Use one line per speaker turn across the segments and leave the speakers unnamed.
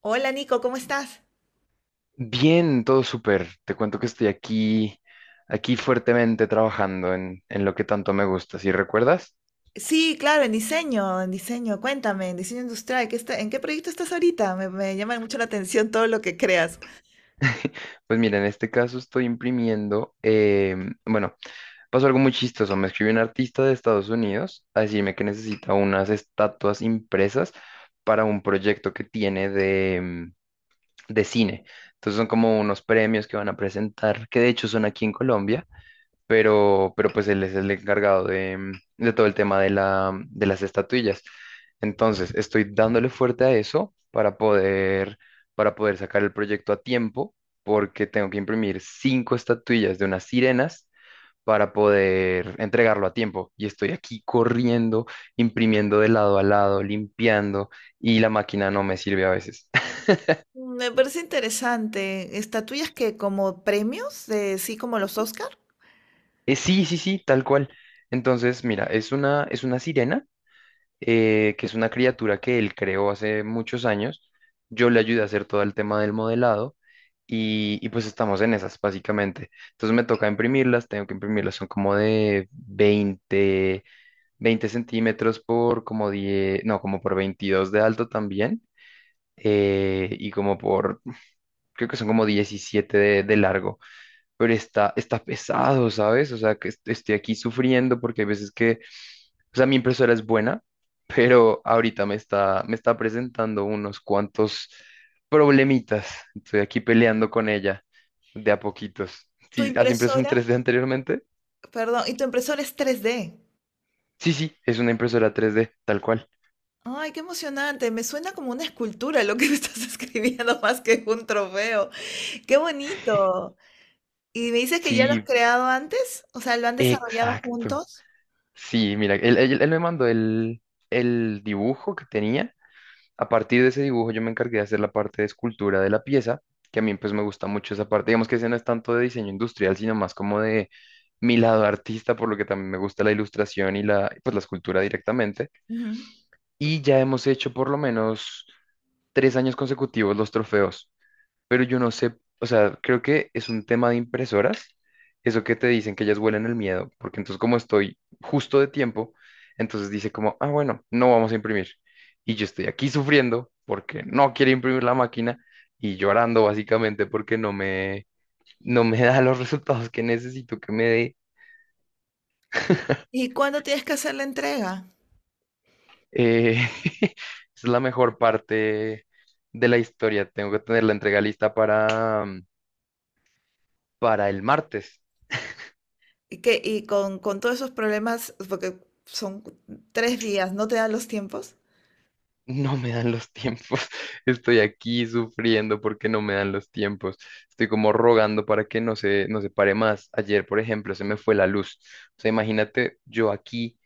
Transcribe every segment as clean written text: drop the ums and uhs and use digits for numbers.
Hola Nico, ¿cómo estás?
Bien, todo súper. Te cuento que estoy aquí fuertemente trabajando en lo que tanto me gusta. ¿Sí recuerdas?
Sí, claro, en diseño, cuéntame, en diseño industrial, ¿qué está- ¿en qué proyecto estás ahorita? Me llama mucho la atención todo lo que creas.
Pues mira, en este caso estoy imprimiendo. Bueno, pasó algo muy chistoso. Me escribió un artista de Estados Unidos a decirme que necesita unas estatuas impresas para un proyecto que tiene de cine. Entonces son como unos premios que van a presentar, que de hecho son aquí en Colombia, pero pues él es el encargado de todo el tema de las estatuillas. Entonces, estoy dándole fuerte a eso para poder sacar el proyecto a tiempo, porque tengo que imprimir cinco estatuillas de unas sirenas para poder entregarlo a tiempo. Y estoy aquí corriendo, imprimiendo de lado a lado, limpiando, y la máquina no me sirve a veces.
Me parece interesante. ¿Estatuillas que como premios, de, sí, como los Oscar?
Sí, sí, sí, tal cual. Entonces, mira, es una sirena, que es una criatura que él creó hace muchos años. Yo le ayudé a hacer todo el tema del modelado y pues estamos en esas básicamente. Entonces me toca imprimirlas, tengo que imprimirlas, son como de veinte centímetros por como 10 no, como por 22 de alto también. Y como por, creo que son como 17 de largo, pero está pesado, ¿sabes? O sea, que estoy aquí sufriendo porque hay veces que, o sea, mi impresora es buena, pero ahorita me está presentando unos cuantos problemitas. Estoy aquí peleando con ella de a poquitos.
Tu
¿Sí, has impreso en
impresora,
3D anteriormente?
perdón, y tu impresora es 3D.
Sí, sí, es una impresora 3D tal cual.
Ay, qué emocionante. Me suena como una escultura lo que me estás escribiendo más que un trofeo. Qué bonito. ¿Y me dices que ya lo has
Sí,
creado antes? O sea, ¿lo han desarrollado
exacto.
juntos?
Sí, mira, él me mandó el dibujo que tenía. A partir de ese dibujo yo me encargué de hacer la parte de escultura de la pieza, que a mí pues me gusta mucho esa parte. Digamos que ese no es tanto de diseño industrial, sino más como de mi lado artista, por lo que también me gusta la ilustración y, la, pues, la escultura directamente.
Ujú.
Y ya hemos hecho por lo menos tres años consecutivos los trofeos, pero yo no sé, o sea, creo que es un tema de impresoras, eso que te dicen que ellas huelen el miedo, porque entonces, como estoy justo de tiempo, entonces dice como, ah, bueno, no vamos a imprimir. Y yo estoy aquí sufriendo porque no quiere imprimir la máquina y llorando básicamente porque no me da los resultados que necesito que me dé.
¿Y cuándo tienes que hacer la entrega?
Eh, es la mejor parte de la historia. Tengo que tener la entrega lista para el martes.
Y que, y con todos esos problemas, porque son cu- tres días, ¿no te dan los tiempos?
No me dan los tiempos. Estoy aquí sufriendo porque no me dan los tiempos. Estoy como rogando para que no se pare más. Ayer, por ejemplo, se me fue la luz. O sea, imagínate, yo aquí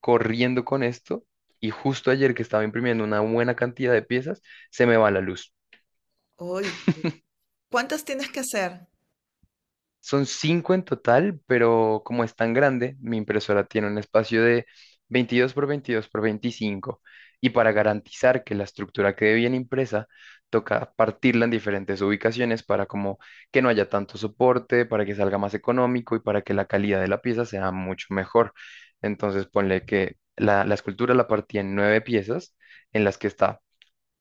corriendo con esto y justo ayer, que estaba imprimiendo una buena cantidad de piezas, se me va la luz.
Uy, ¿cuántas tienes que hacer?
Son cinco en total, pero como es tan grande, mi impresora tiene un espacio de 22 por 22 por 25, y para garantizar que la estructura quede bien impresa, toca partirla en diferentes ubicaciones para como que no haya tanto soporte, para que salga más económico y para que la calidad de la pieza sea mucho mejor. Entonces, ponle que la escultura la partí en nueve piezas en las que está,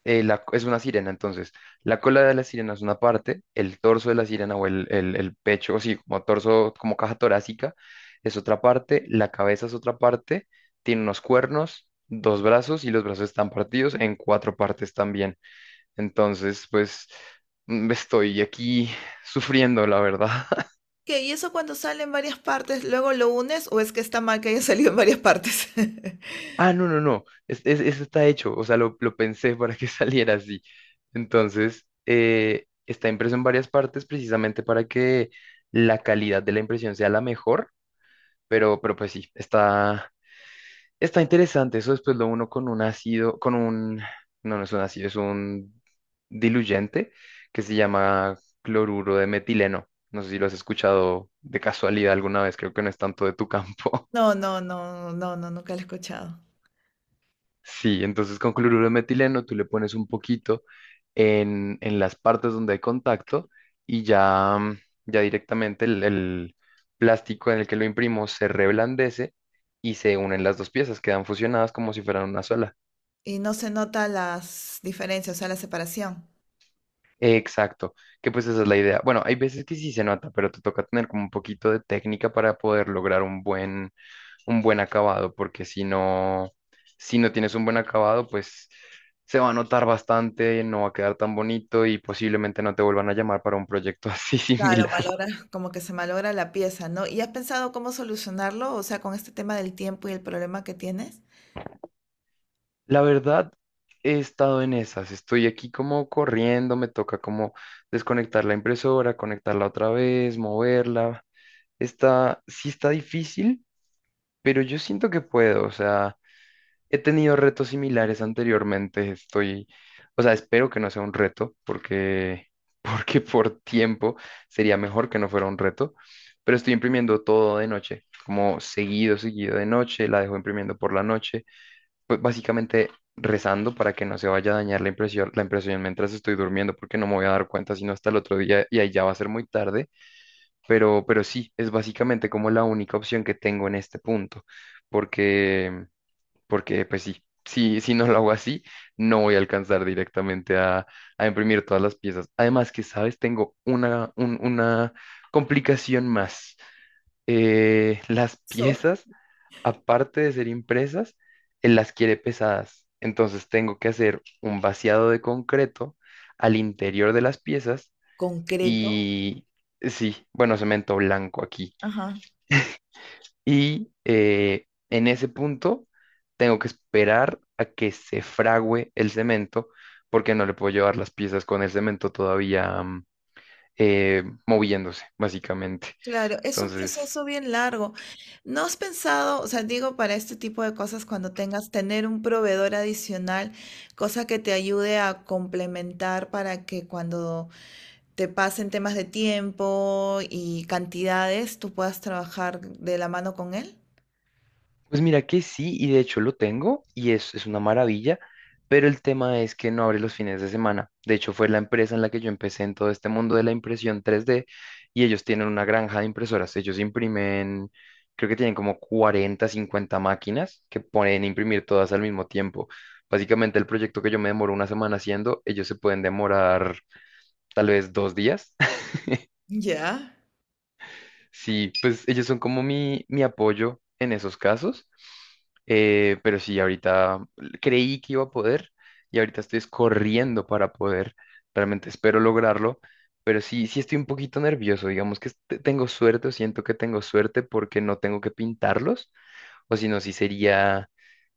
es una sirena, entonces. La cola de la sirena es una parte, el torso de la sirena o el pecho, o sí, como torso, como caja torácica, es otra parte, la cabeza es otra parte, tiene unos cuernos, dos brazos, y los brazos están partidos en cuatro partes también. Entonces, pues estoy aquí sufriendo, la verdad.
¿Qué? ¿Y eso cuando sale en varias partes, luego lo unes o es que está mal que haya salido en varias partes?
Ah, no, no, no. Eso está hecho. O sea, lo pensé para que saliera así. Entonces, está impreso en varias partes precisamente para que la calidad de la impresión sea la mejor. Pero pues sí, está interesante. Eso después lo uno con un ácido, con un. No, no es un ácido, es un diluyente que se llama cloruro de metileno. No sé si lo has escuchado de casualidad alguna vez. Creo que no es tanto de tu campo.
No, no, no, no, no, nunca lo he escuchado.
Sí, entonces con cloruro de metileno tú le pones un poquito en las partes donde hay contacto y ya, ya directamente el plástico en el que lo imprimo se reblandece y se unen las dos piezas, quedan fusionadas como si fueran una sola.
Y no se nota las diferencias, o sea, la separación.
Exacto, que pues esa es la idea. Bueno, hay veces que sí se nota, pero te toca tener como un poquito de técnica para poder lograr un buen, acabado, porque si no tienes un buen acabado, pues se va a notar bastante, no va a quedar tan bonito y posiblemente no te vuelvan a llamar para un proyecto así
Claro,
similar.
malogra, como que se malogra la pieza, ¿no? ¿Y has pensado cómo solucionarlo? O sea, con este tema del tiempo y el problema que tienes.
La verdad, he estado en esas, estoy aquí como corriendo, me toca como desconectar la impresora, conectarla otra vez, moverla. Está, sí está difícil, pero yo siento que puedo, o sea, he tenido retos similares anteriormente, estoy, o sea, espero que no sea un reto, porque, porque por tiempo sería mejor que no fuera un reto, pero estoy imprimiendo todo de noche, como seguido, seguido de noche, la dejo imprimiendo por la noche, pues básicamente rezando para que no se vaya a dañar la impresión mientras estoy durmiendo, porque no me voy a dar cuenta sino hasta el otro día y ahí ya va a ser muy tarde. Pero sí, es básicamente como la única opción que tengo en este punto, porque, porque pues sí, si no lo hago así, no voy a alcanzar directamente a imprimir todas las piezas. Además que, ¿sabes? Tengo una complicación más. Las
So-
piezas, aparte de ser impresas, él las quiere pesadas. Entonces tengo que hacer un vaciado de concreto al interior de las piezas
concreto.
y, sí, bueno, cemento blanco aquí,
Ajá.
y en ese punto tengo que esperar a que se fragüe el cemento porque no le puedo llevar las piezas con el cemento todavía, moviéndose, básicamente.
Claro, es un
Entonces.
proceso bien largo. ¿No has pensado, o sea, digo, para este tipo de cosas, cuando tengas, tener un proveedor adicional, cosa que te ayude a complementar para que cuando te pasen temas de tiempo y cantidades, tú puedas trabajar de la mano con él?
Pues mira que sí, y de hecho lo tengo y es una maravilla, pero el tema es que no abre los fines de semana. De hecho, fue la empresa en la que yo empecé en todo este mundo de la impresión 3D, y ellos tienen una granja de impresoras. Ellos imprimen, creo que tienen como 40 50 máquinas que pueden imprimir todas al mismo tiempo. Básicamente el proyecto que yo me demoro una semana haciendo, ellos se pueden demorar tal vez 2 días.
Ya.
Sí, pues ellos son como mi apoyo en esos casos. Pero sí, ahorita creí que iba a poder y ahorita estoy es corriendo para poder. Realmente espero lograrlo, pero sí, sí estoy un poquito nervioso. Digamos que tengo suerte, o siento que tengo suerte, porque no tengo que pintarlos, o si no, sí sería,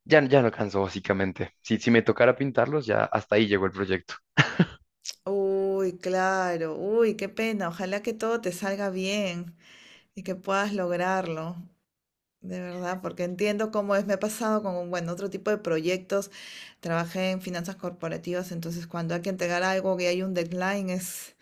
ya, ya no alcanzo básicamente. Si me tocara pintarlos, ya hasta ahí llegó el proyecto.
Uy, claro, uy, qué pena. Ojalá que todo te salga bien y que puedas lograrlo, de verdad, porque entiendo cómo es. Me ha pasado con, un, bueno, otro tipo de proyectos. Trabajé en finanzas corporativas, entonces cuando hay que entregar algo que hay un deadline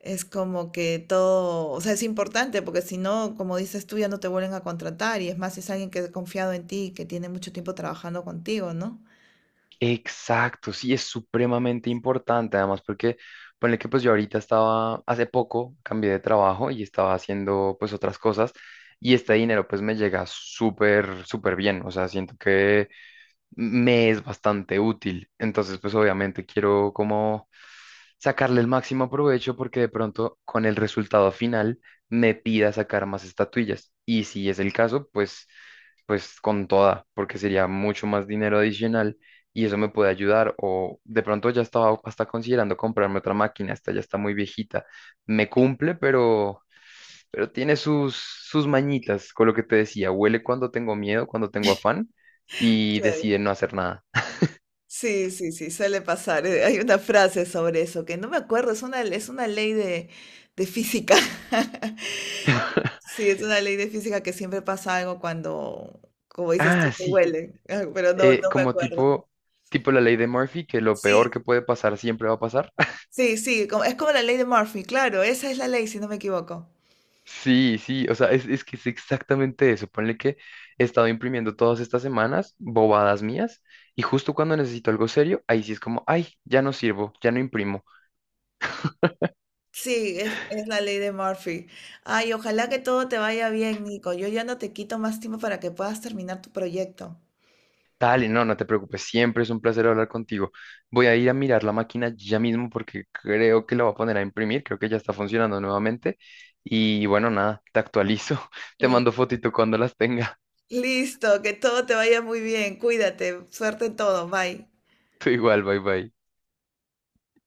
es como que todo, o sea, es importante, porque si no, como dices tú, ya no te vuelven a contratar y es más, si es alguien que ha confiado en ti, y que tiene mucho tiempo trabajando contigo, ¿no?
Exacto, sí, es supremamente importante, además porque ponle que pues yo ahorita estaba, hace poco cambié de trabajo y estaba haciendo pues otras cosas, y este dinero pues me llega súper, súper bien, o sea, siento que me es bastante útil. Entonces, pues obviamente quiero como sacarle el máximo provecho porque de pronto con el resultado final me pida sacar más estatuillas. Y si es el caso, pues, pues con toda, porque sería mucho más dinero adicional y eso me puede ayudar. O de pronto ya estaba hasta considerando comprarme otra máquina, esta ya está muy viejita. Me cumple, pero. Pero tiene sus mañitas, con lo que te decía, huele cuando tengo miedo, cuando tengo afán, y deciden no hacer nada.
Sí, sí, sí, suele pasar. Hay una frase sobre eso que no me acuerdo, es una ley de física. Sí, es una ley de física que siempre pasa algo cuando, como dices
Ah,
tú, te
sí,
huele, ah, pero no, no me
como
acuerdo.
tipo, la ley de Murphy, que lo peor
Sí,
que puede pasar siempre va a pasar.
sí, sí, como- es como la ley de Murphy, claro, esa es la ley, si no me equivoco.
Sí, sí, o sea, es que es exactamente eso. Ponle que he estado imprimiendo todas estas semanas bobadas mías, y justo cuando necesito algo serio, ahí sí es como, ay, ya no sirvo, ya no imprimo.
Sí, es la ley de Murphy. Ay, ojalá que todo te vaya bien, Nico. Yo ya no te quito más tiempo para que puedas terminar tu proyecto.
Dale, no, no te preocupes, siempre es un placer hablar contigo. Voy a ir a mirar la máquina ya mismo porque creo que la voy a poner a imprimir, creo que ya está funcionando nuevamente. Y bueno, nada, te actualizo, te mando fotito cuando las tenga.
Listo, que todo te vaya muy bien. Cuídate. Suerte en todo. Bye.
Tú igual, bye bye.